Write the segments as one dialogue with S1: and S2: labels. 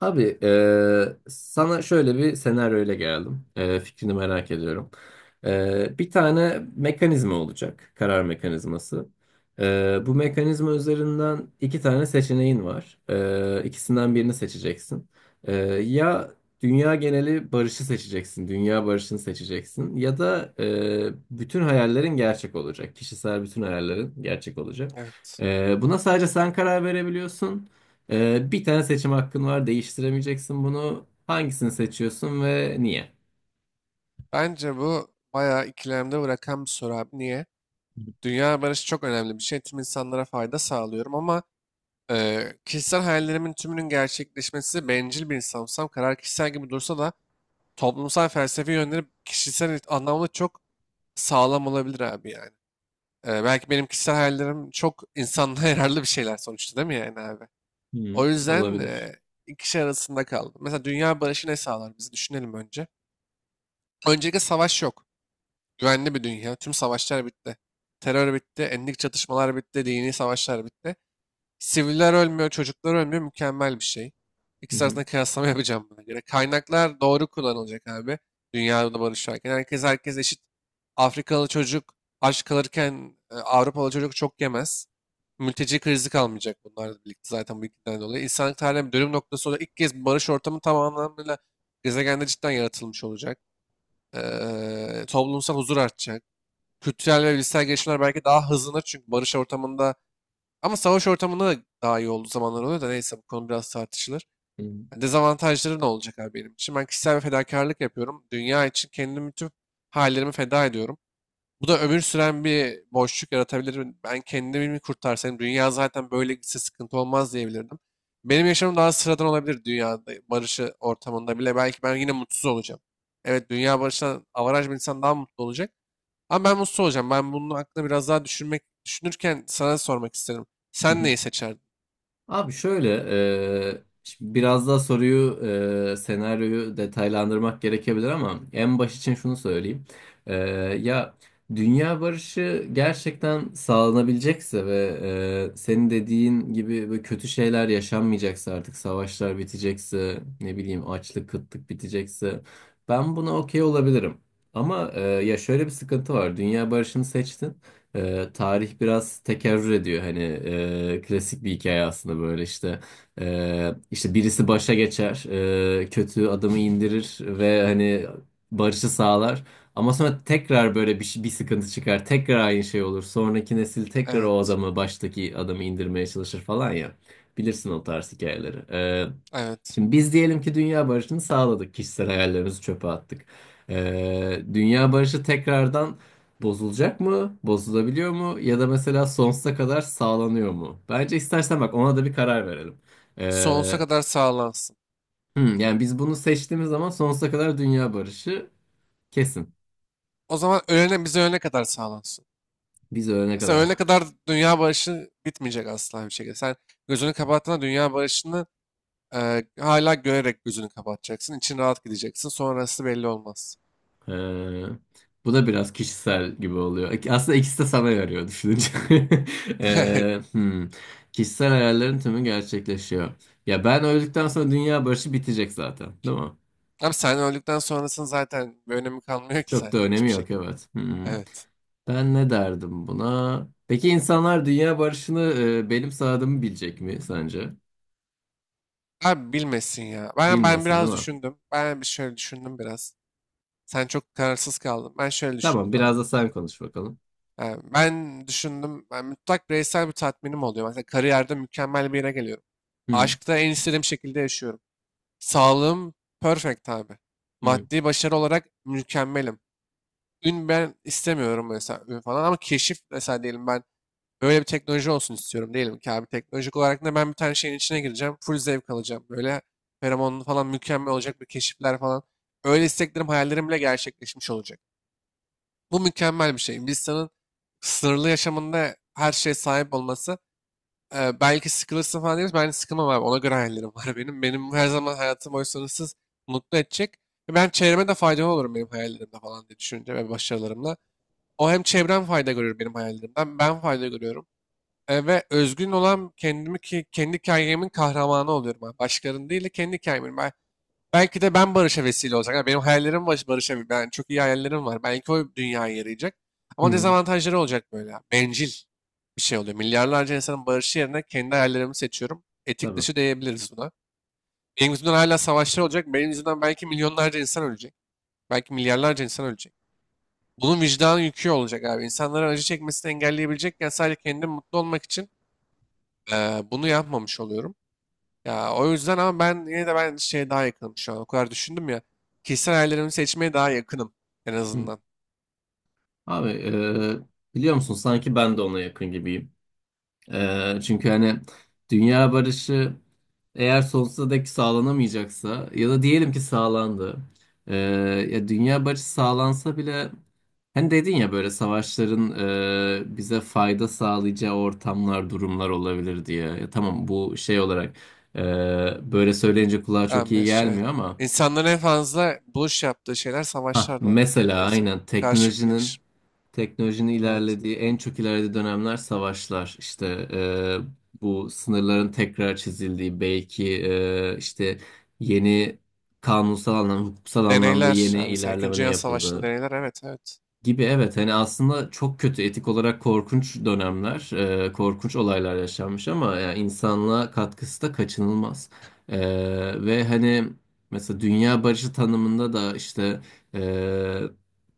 S1: Abi sana şöyle bir senaryoyla geldim. Fikrini merak ediyorum. Bir tane mekanizma olacak. Karar mekanizması. Bu mekanizma üzerinden iki tane seçeneğin var. İkisinden birini seçeceksin. Eee, ya dünya geneli barışı seçeceksin. Dünya barışını seçeceksin. Ya da bütün hayallerin gerçek olacak. Kişisel bütün hayallerin gerçek olacak.
S2: Evet.
S1: Buna sadece sen karar verebiliyorsun. Bir tane seçim hakkın var. Değiştiremeyeceksin bunu. Hangisini seçiyorsun ve niye?
S2: Bence bu bayağı ikilemde bırakan bir soru abi. Niye? Dünya barışı çok önemli bir şey. Tüm insanlara fayda sağlıyorum ama kişisel hayallerimin tümünün gerçekleşmesi bencil bir insansam karar kişisel gibi dursa da toplumsal felsefi yönleri kişisel anlamda çok sağlam olabilir abi yani. Belki benim kişisel hayallerim çok insanlığa yararlı bir şeyler sonuçta değil mi yani abi?
S1: Hı,
S2: O yüzden
S1: olabilir.
S2: iki şey arasında kaldım. Mesela dünya barışı ne sağlar bizi düşünelim önce. Öncelikle savaş yok. Güvenli bir dünya. Tüm savaşlar bitti. Terör bitti. Etnik çatışmalar bitti. Dini savaşlar bitti. Siviller ölmüyor. Çocuklar ölmüyor. Mükemmel bir şey.
S1: Hı
S2: İkisi
S1: hı.
S2: arasında kıyaslama yapacağım buna göre. Kaynaklar doğru kullanılacak abi. Dünyada barış varken. Herkes eşit. Afrikalı çocuk aç kalırken Avrupalı çocuk çok yemez. Mülteci krizi kalmayacak bunlarla birlikte zaten bu ikiden dolayı. İnsanlık tarihinin bir dönüm noktası olarak ilk kez bir barış ortamı tam anlamıyla gezegende cidden yaratılmış olacak. Toplumsal huzur artacak, kültürel ve bilişsel gelişmeler belki daha hızlanır çünkü barış ortamında ama savaş ortamında da daha iyi olduğu zamanlar oluyor da neyse bu konu biraz tartışılır.
S1: Hı
S2: Yani dezavantajları ne olacak abi benim için? Ben kişisel bir fedakarlık yapıyorum. Dünya için kendimi, tüm hallerimi feda ediyorum. Bu da ömür süren bir boşluk yaratabilir. Ben kendimi mi kurtarsam, dünya zaten böyle gitse sıkıntı olmaz diyebilirdim. Benim yaşamım daha sıradan olabilir dünyada barışı ortamında bile. Belki ben yine mutsuz olacağım. Evet, dünya barışından avaraj bir insan daha mutlu olacak. Ama ben mutsuz olacağım. Ben bunun hakkında biraz daha düşünürken sana sormak isterim. Sen
S1: hı.
S2: neyi seçerdin?
S1: Abi şöyle, şimdi biraz daha soruyu, senaryoyu detaylandırmak gerekebilir ama en baş için şunu söyleyeyim. E, ya dünya barışı gerçekten sağlanabilecekse ve senin dediğin gibi böyle kötü şeyler yaşanmayacaksa artık savaşlar bitecekse, ne bileyim açlık, kıtlık bitecekse ben buna okey olabilirim. Ama ya şöyle bir sıkıntı var. Dünya barışını seçtin. Tarih biraz tekerrür ediyor hani klasik bir hikaye aslında böyle işte. İşte birisi başa geçer, kötü adamı indirir ve hani barışı sağlar, ama sonra tekrar bir sıkıntı çıkar, tekrar aynı şey olur, sonraki nesil tekrar o
S2: Evet.
S1: adamı, baştaki adamı indirmeye çalışır falan ya, bilirsin o tarz hikayeleri.
S2: Evet.
S1: Şimdi biz diyelim ki dünya barışını sağladık. Kişisel hayallerimizi çöpe attık. Dünya barışı tekrardan bozulacak mı? Bozulabiliyor mu? Ya da mesela sonsuza kadar sağlanıyor mu? Bence istersen bak ona da bir karar verelim.
S2: Sonsuza
S1: Ee,
S2: kadar sağlansın.
S1: yani biz bunu seçtiğimiz zaman sonsuza kadar dünya barışı kesin.
S2: O zaman ölene, bize ölene kadar sağlansın.
S1: Biz ölene
S2: Mesela ölene
S1: kadar.
S2: kadar dünya barışı bitmeyecek asla bir şekilde. Sen gözünü kapattığında dünya barışını hala görerek gözünü kapatacaksın. İçin rahat gideceksin. Sonrası belli olmaz.
S1: Ee, bu da biraz kişisel gibi oluyor. Aslında ikisi de sana yarıyor düşününce.
S2: Evet.
S1: Ee, hmm. Kişisel hayallerin tümü gerçekleşiyor. Ya ben öldükten sonra dünya barışı bitecek zaten, değil mi?
S2: Ama sen öldükten sonrasının zaten bir önemi kalmıyor ki
S1: Çok da
S2: zaten
S1: önemi
S2: hiçbir
S1: yok,
S2: şekilde.
S1: evet. Hmm.
S2: Evet.
S1: Ben ne derdim buna? Peki insanlar dünya barışını benim sağladığımı bilecek mi sence?
S2: Abi bilmesin ya. Ben
S1: Bilmesin, değil
S2: biraz
S1: mi?
S2: düşündüm. Ben bir şöyle düşündüm biraz. Sen çok kararsız kaldın. Ben şöyle
S1: Tamam,
S2: düşündüm abi.
S1: biraz da sen konuş bakalım.
S2: Yani ben düşündüm. Ben mutlak bireysel bir tatminim oluyor. Mesela kariyerde mükemmel bir yere geliyorum.
S1: Hı hı,
S2: Aşkta en istediğim şekilde yaşıyorum. Sağlığım perfect abi.
S1: hı hı,
S2: Maddi başarı olarak mükemmelim. Ün ben istemiyorum, mesela ün falan, ama keşif mesela, diyelim ben böyle bir teknoloji olsun istiyorum diyelim ki abi. Teknolojik olarak da ben bir tane şeyin içine gireceğim. Full zevk alacağım. Böyle feromonlu falan mükemmel olacak bir keşifler falan. Öyle isteklerim, hayallerim bile gerçekleşmiş olacak. Bu mükemmel bir şey. İnsanın sınırlı yaşamında her şeye sahip olması, belki sıkılırsın falan deriz. Ben sıkılmam abi. Ona göre hayallerim var benim. Benim her zaman hayatım boyu sınırsız mutlu edecek. Ve ben çevreme de faydalı olurum benim hayallerimde falan diye, düşünce ve başarılarımla. O hem çevrem fayda görüyor benim hayallerimden. Ben fayda görüyorum. Ve özgün olan kendimi, ki kendi hikayemin kahramanı oluyorum abi. Başkalarının değil de kendi hikayemin. Ben, belki de ben barışa vesile olacak. Yani benim hayallerim barışa ben, yani çok iyi hayallerim var. Belki o dünyaya yarayacak.
S1: hı
S2: Ama
S1: hı.
S2: dezavantajları olacak böyle, abi. Bencil bir şey oluyor. Milyarlarca insanın barışı yerine kendi hayallerimi seçiyorum. Etik
S1: Tabii.
S2: dışı diyebiliriz buna. Benim yüzümden hala savaşlar olacak. Benim yüzümden belki milyonlarca insan ölecek. Belki milyarlarca insan ölecek. Bunun vicdan yükü olacak abi. İnsanların acı çekmesini engelleyebilecekken sadece kendim mutlu olmak için bunu yapmamış oluyorum. Ya o yüzden, ama ben yine de ben şeye daha yakınım şu an. O kadar düşündüm ya. Kişisel hayallerimi seçmeye daha yakınım en
S1: Hı.
S2: azından.
S1: Abi, biliyor musun? Sanki ben de ona yakın gibiyim. Çünkü hani dünya barışı eğer sonsuza dek sağlanamayacaksa ya da diyelim ki sağlandı. Ee, ya dünya barışı sağlansa bile hani dedin ya böyle savaşların bize fayda sağlayacağı ortamlar, durumlar olabilir diye. Ya tamam bu şey olarak böyle söyleyince kulağa çok iyi
S2: Evet.
S1: gelmiyor ama
S2: İnsanların en fazla buluş yaptığı şeyler
S1: ha,
S2: savaşlardı. Yani.
S1: mesela
S2: Evet,
S1: aynen
S2: karşılıklı
S1: teknolojinin.
S2: geniş.
S1: Teknolojinin
S2: Evet.
S1: ilerlediği, en çok ilerlediği dönemler savaşlar. İşte bu sınırların tekrar çizildiği belki, işte yeni, kanunsal anlamda, hukuksal anlamda
S2: Deneyler.
S1: yeni
S2: Yani mesela İkinci
S1: ilerlemenin
S2: Dünya Savaşı'nda
S1: yapıldığı.
S2: deneyler. Evet, evet.
S1: Gibi, evet hani aslında çok kötü, etik olarak korkunç dönemler, korkunç olaylar yaşanmış ama yani insanlığa katkısı da kaçınılmaz. E, ve hani mesela dünya barışı tanımında da işte e,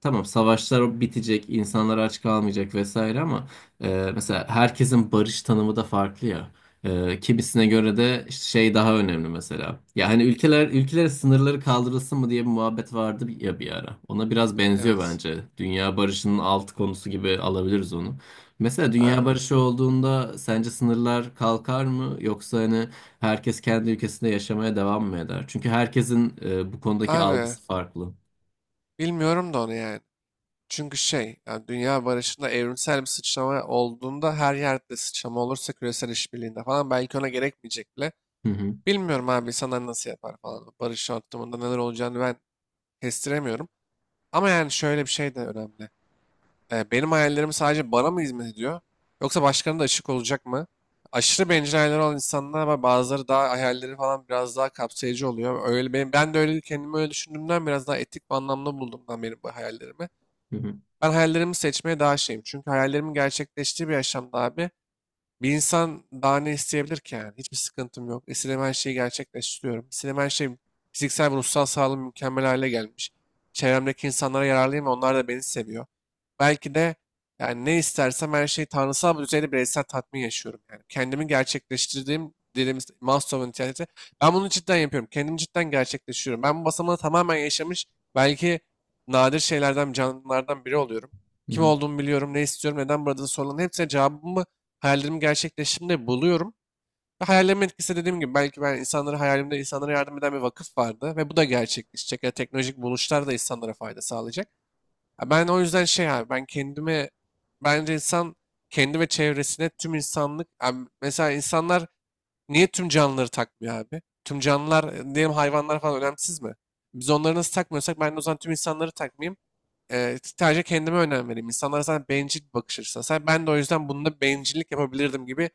S1: tamam savaşlar bitecek, insanlar aç kalmayacak vesaire ama mesela herkesin barış tanımı da farklı ya. Kimisine göre de işte şey daha önemli mesela. Ya hani ülkeler, ülkelere sınırları kaldırılsın mı diye bir muhabbet vardı ya bir ara. Ona biraz benziyor
S2: Evet.
S1: bence. Dünya barışının alt konusu gibi alabiliriz onu. Mesela dünya
S2: Abi.
S1: barışı olduğunda sence sınırlar kalkar mı, yoksa hani herkes kendi ülkesinde yaşamaya devam mı eder? Çünkü herkesin bu konudaki
S2: Abi.
S1: algısı farklı.
S2: Bilmiyorum da onu yani. Çünkü şey, yani dünya barışında evrimsel bir sıçrama olduğunda her yerde sıçrama olursa küresel işbirliğinde falan belki ona gerekmeyecek bile.
S1: Hı hı.
S2: Bilmiyorum abi insanlar nasıl yapar falan. Barış ortamında neler olacağını ben kestiremiyorum. Ama yani şöyle bir şey de önemli. Benim hayallerim sadece bana mı hizmet ediyor? Yoksa başkalarına da açık olacak mı? Aşırı bencil hayalleri olan insanlar var. Bazıları daha, hayalleri falan biraz daha kapsayıcı oluyor. Öyle benim, ben de öyle kendimi öyle düşündüğümden biraz daha etik bir anlamda buldum ben benim bu hayallerimi.
S1: Hı hı.
S2: Ben hayallerimi seçmeye daha şeyim. Çünkü hayallerimin gerçekleştiği bir yaşamda abi, bir insan daha ne isteyebilir ki yani? Hiçbir sıkıntım yok. İstediğim her şeyi gerçekleştiriyorum. İstediğim her şey, fiziksel ve ruhsal sağlığım mükemmel hale gelmiş. Çevremdeki insanlara yararlıyım ve onlar da beni seviyor. Belki de, yani ne istersem her şeyi, tanrısal bir düzeyde bireysel tatmin yaşıyorum. Yani kendimi gerçekleştirdiğim dediğimiz Maslow'un nitelikleri. Ben bunu cidden yapıyorum. Kendimi cidden gerçekleştiriyorum. Ben bu basamağı tamamen yaşamış belki nadir şeylerden, canlılardan biri oluyorum.
S1: Hı
S2: Kim
S1: hı.
S2: olduğumu biliyorum, ne istiyorum, neden burada, soruların hepsine cevabımı hayallerimi gerçekleştiğimde buluyorum. Ve hayallerimin etkisi, dediğim gibi, belki ben insanları, hayalimde insanlara yardım eden bir vakıf vardı ve bu da gerçekleşecek. Ya teknolojik buluşlar da insanlara fayda sağlayacak. Ya ben o yüzden şey abi, ben kendime, bence insan kendi ve çevresine, tüm insanlık abi, mesela insanlar niye tüm canlıları takmıyor abi? Tüm canlılar, diyelim hayvanlar falan, önemsiz mi? Biz onları nasıl takmıyorsak ben de o zaman tüm insanları takmayayım. Sadece kendime önem vereyim. İnsanlara zaten bencil bir bakış açısı. Ben de o yüzden bunda bencillik yapabilirdim gibi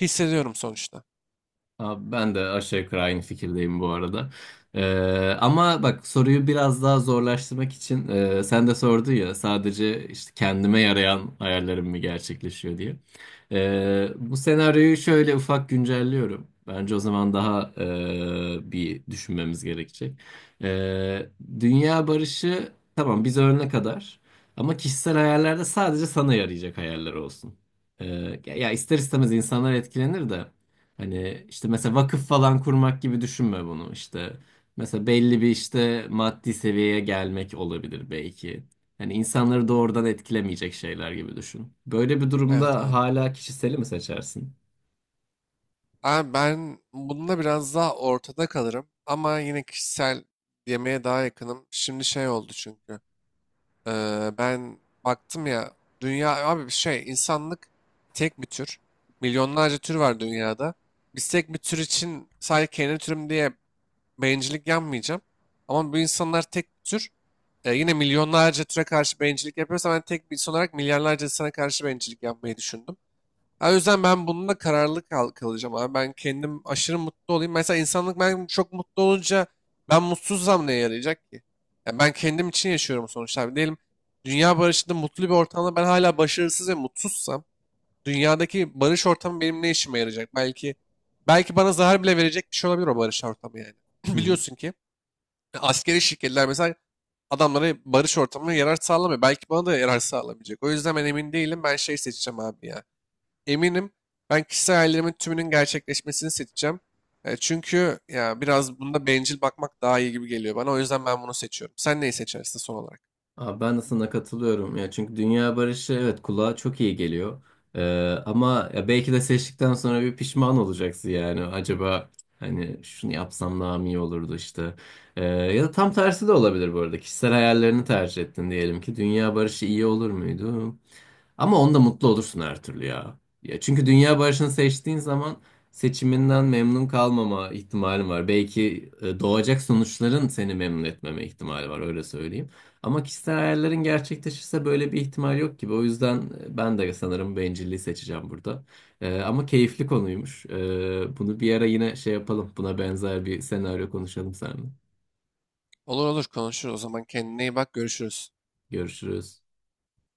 S2: hissediyorum sonuçta.
S1: Abi ben de aşağı yukarı aynı fikirdeyim bu arada. Ama bak, soruyu biraz daha zorlaştırmak için, sen de sordun ya sadece işte kendime yarayan hayallerim mi gerçekleşiyor diye. Bu senaryoyu şöyle ufak güncelliyorum. Bence o zaman daha bir düşünmemiz gerekecek. Ee, dünya barışı tamam biz ölene kadar, ama kişisel hayallerde sadece sana yarayacak hayaller olsun. Ya ister istemez insanlar etkilenir de. Hani işte mesela vakıf falan kurmak gibi düşünme bunu işte. Mesela belli bir işte maddi seviyeye gelmek olabilir belki. Hani insanları doğrudan etkilemeyecek şeyler gibi düşün. Böyle bir
S2: Evet
S1: durumda
S2: anladım.
S1: hala kişiseli mi seçersin?
S2: Abi ben bununla biraz daha ortada kalırım ama yine kişisel yemeğe daha yakınım. Şimdi şey oldu çünkü. Ben baktım ya, dünya abi bir şey, insanlık tek bir tür. Milyonlarca tür var dünyada. Biz tek bir tür için sadece kendi türüm diye bencillik yapmayacağım. Ama bu insanlar tek bir tür. Yine milyonlarca türe karşı bencillik yapıyorsa, ben tek bir insan olarak milyarlarca insana karşı bencillik yapmayı düşündüm. Ha, o yüzden ben bununla kararlı kal kalacağım abi. Ben kendim aşırı mutlu olayım. Mesela insanlık ben çok mutlu olunca, ben mutsuzsam neye yarayacak ki? Ya ben kendim için yaşıyorum sonuçta abi. Diyelim dünya barışında mutlu bir ortamda ben hala başarısız ve mutsuzsam, dünyadaki barış ortamı benim ne işime yarayacak? Belki bana zarar bile verecek bir şey olabilir o barış ortamı yani.
S1: Hı hı.
S2: Biliyorsun ki askeri şirketler mesela, adamlara barış ortamına yarar sağlamıyor. Belki bana da yarar sağlamayacak. O yüzden ben emin değilim. Ben şey seçeceğim abi ya, eminim, ben kişisel hayallerimin tümünün gerçekleşmesini seçeceğim. Çünkü ya biraz bunda bencil bakmak daha iyi gibi geliyor bana. O yüzden ben bunu seçiyorum. Sen neyi seçersin son olarak?
S1: Abi ben de sana katılıyorum ya, çünkü dünya barışı evet kulağa çok iyi geliyor. Ee, ama ya belki de seçtikten sonra bir pişman olacaksın, yani acaba hani şunu yapsam daha mı iyi olurdu işte. Ya da tam tersi de olabilir bu arada, kişisel hayallerini tercih ettin diyelim ki, dünya barışı iyi olur muydu? Ama onda mutlu olursun her türlü ya. Ya çünkü dünya barışını seçtiğin zaman seçiminden memnun kalmama ihtimalin var. Belki doğacak sonuçların seni memnun etmeme ihtimali var, öyle söyleyeyim. Ama kişisel hayallerin gerçekleşirse böyle bir ihtimal yok gibi. O yüzden ben de sanırım bencilliği seçeceğim burada. Ama keyifli konuymuş. Bunu bir ara yine şey yapalım. Buna benzer bir senaryo konuşalım seninle.
S2: Olur olur konuşuruz. O zaman kendine iyi bak. Görüşürüz.
S1: Görüşürüz.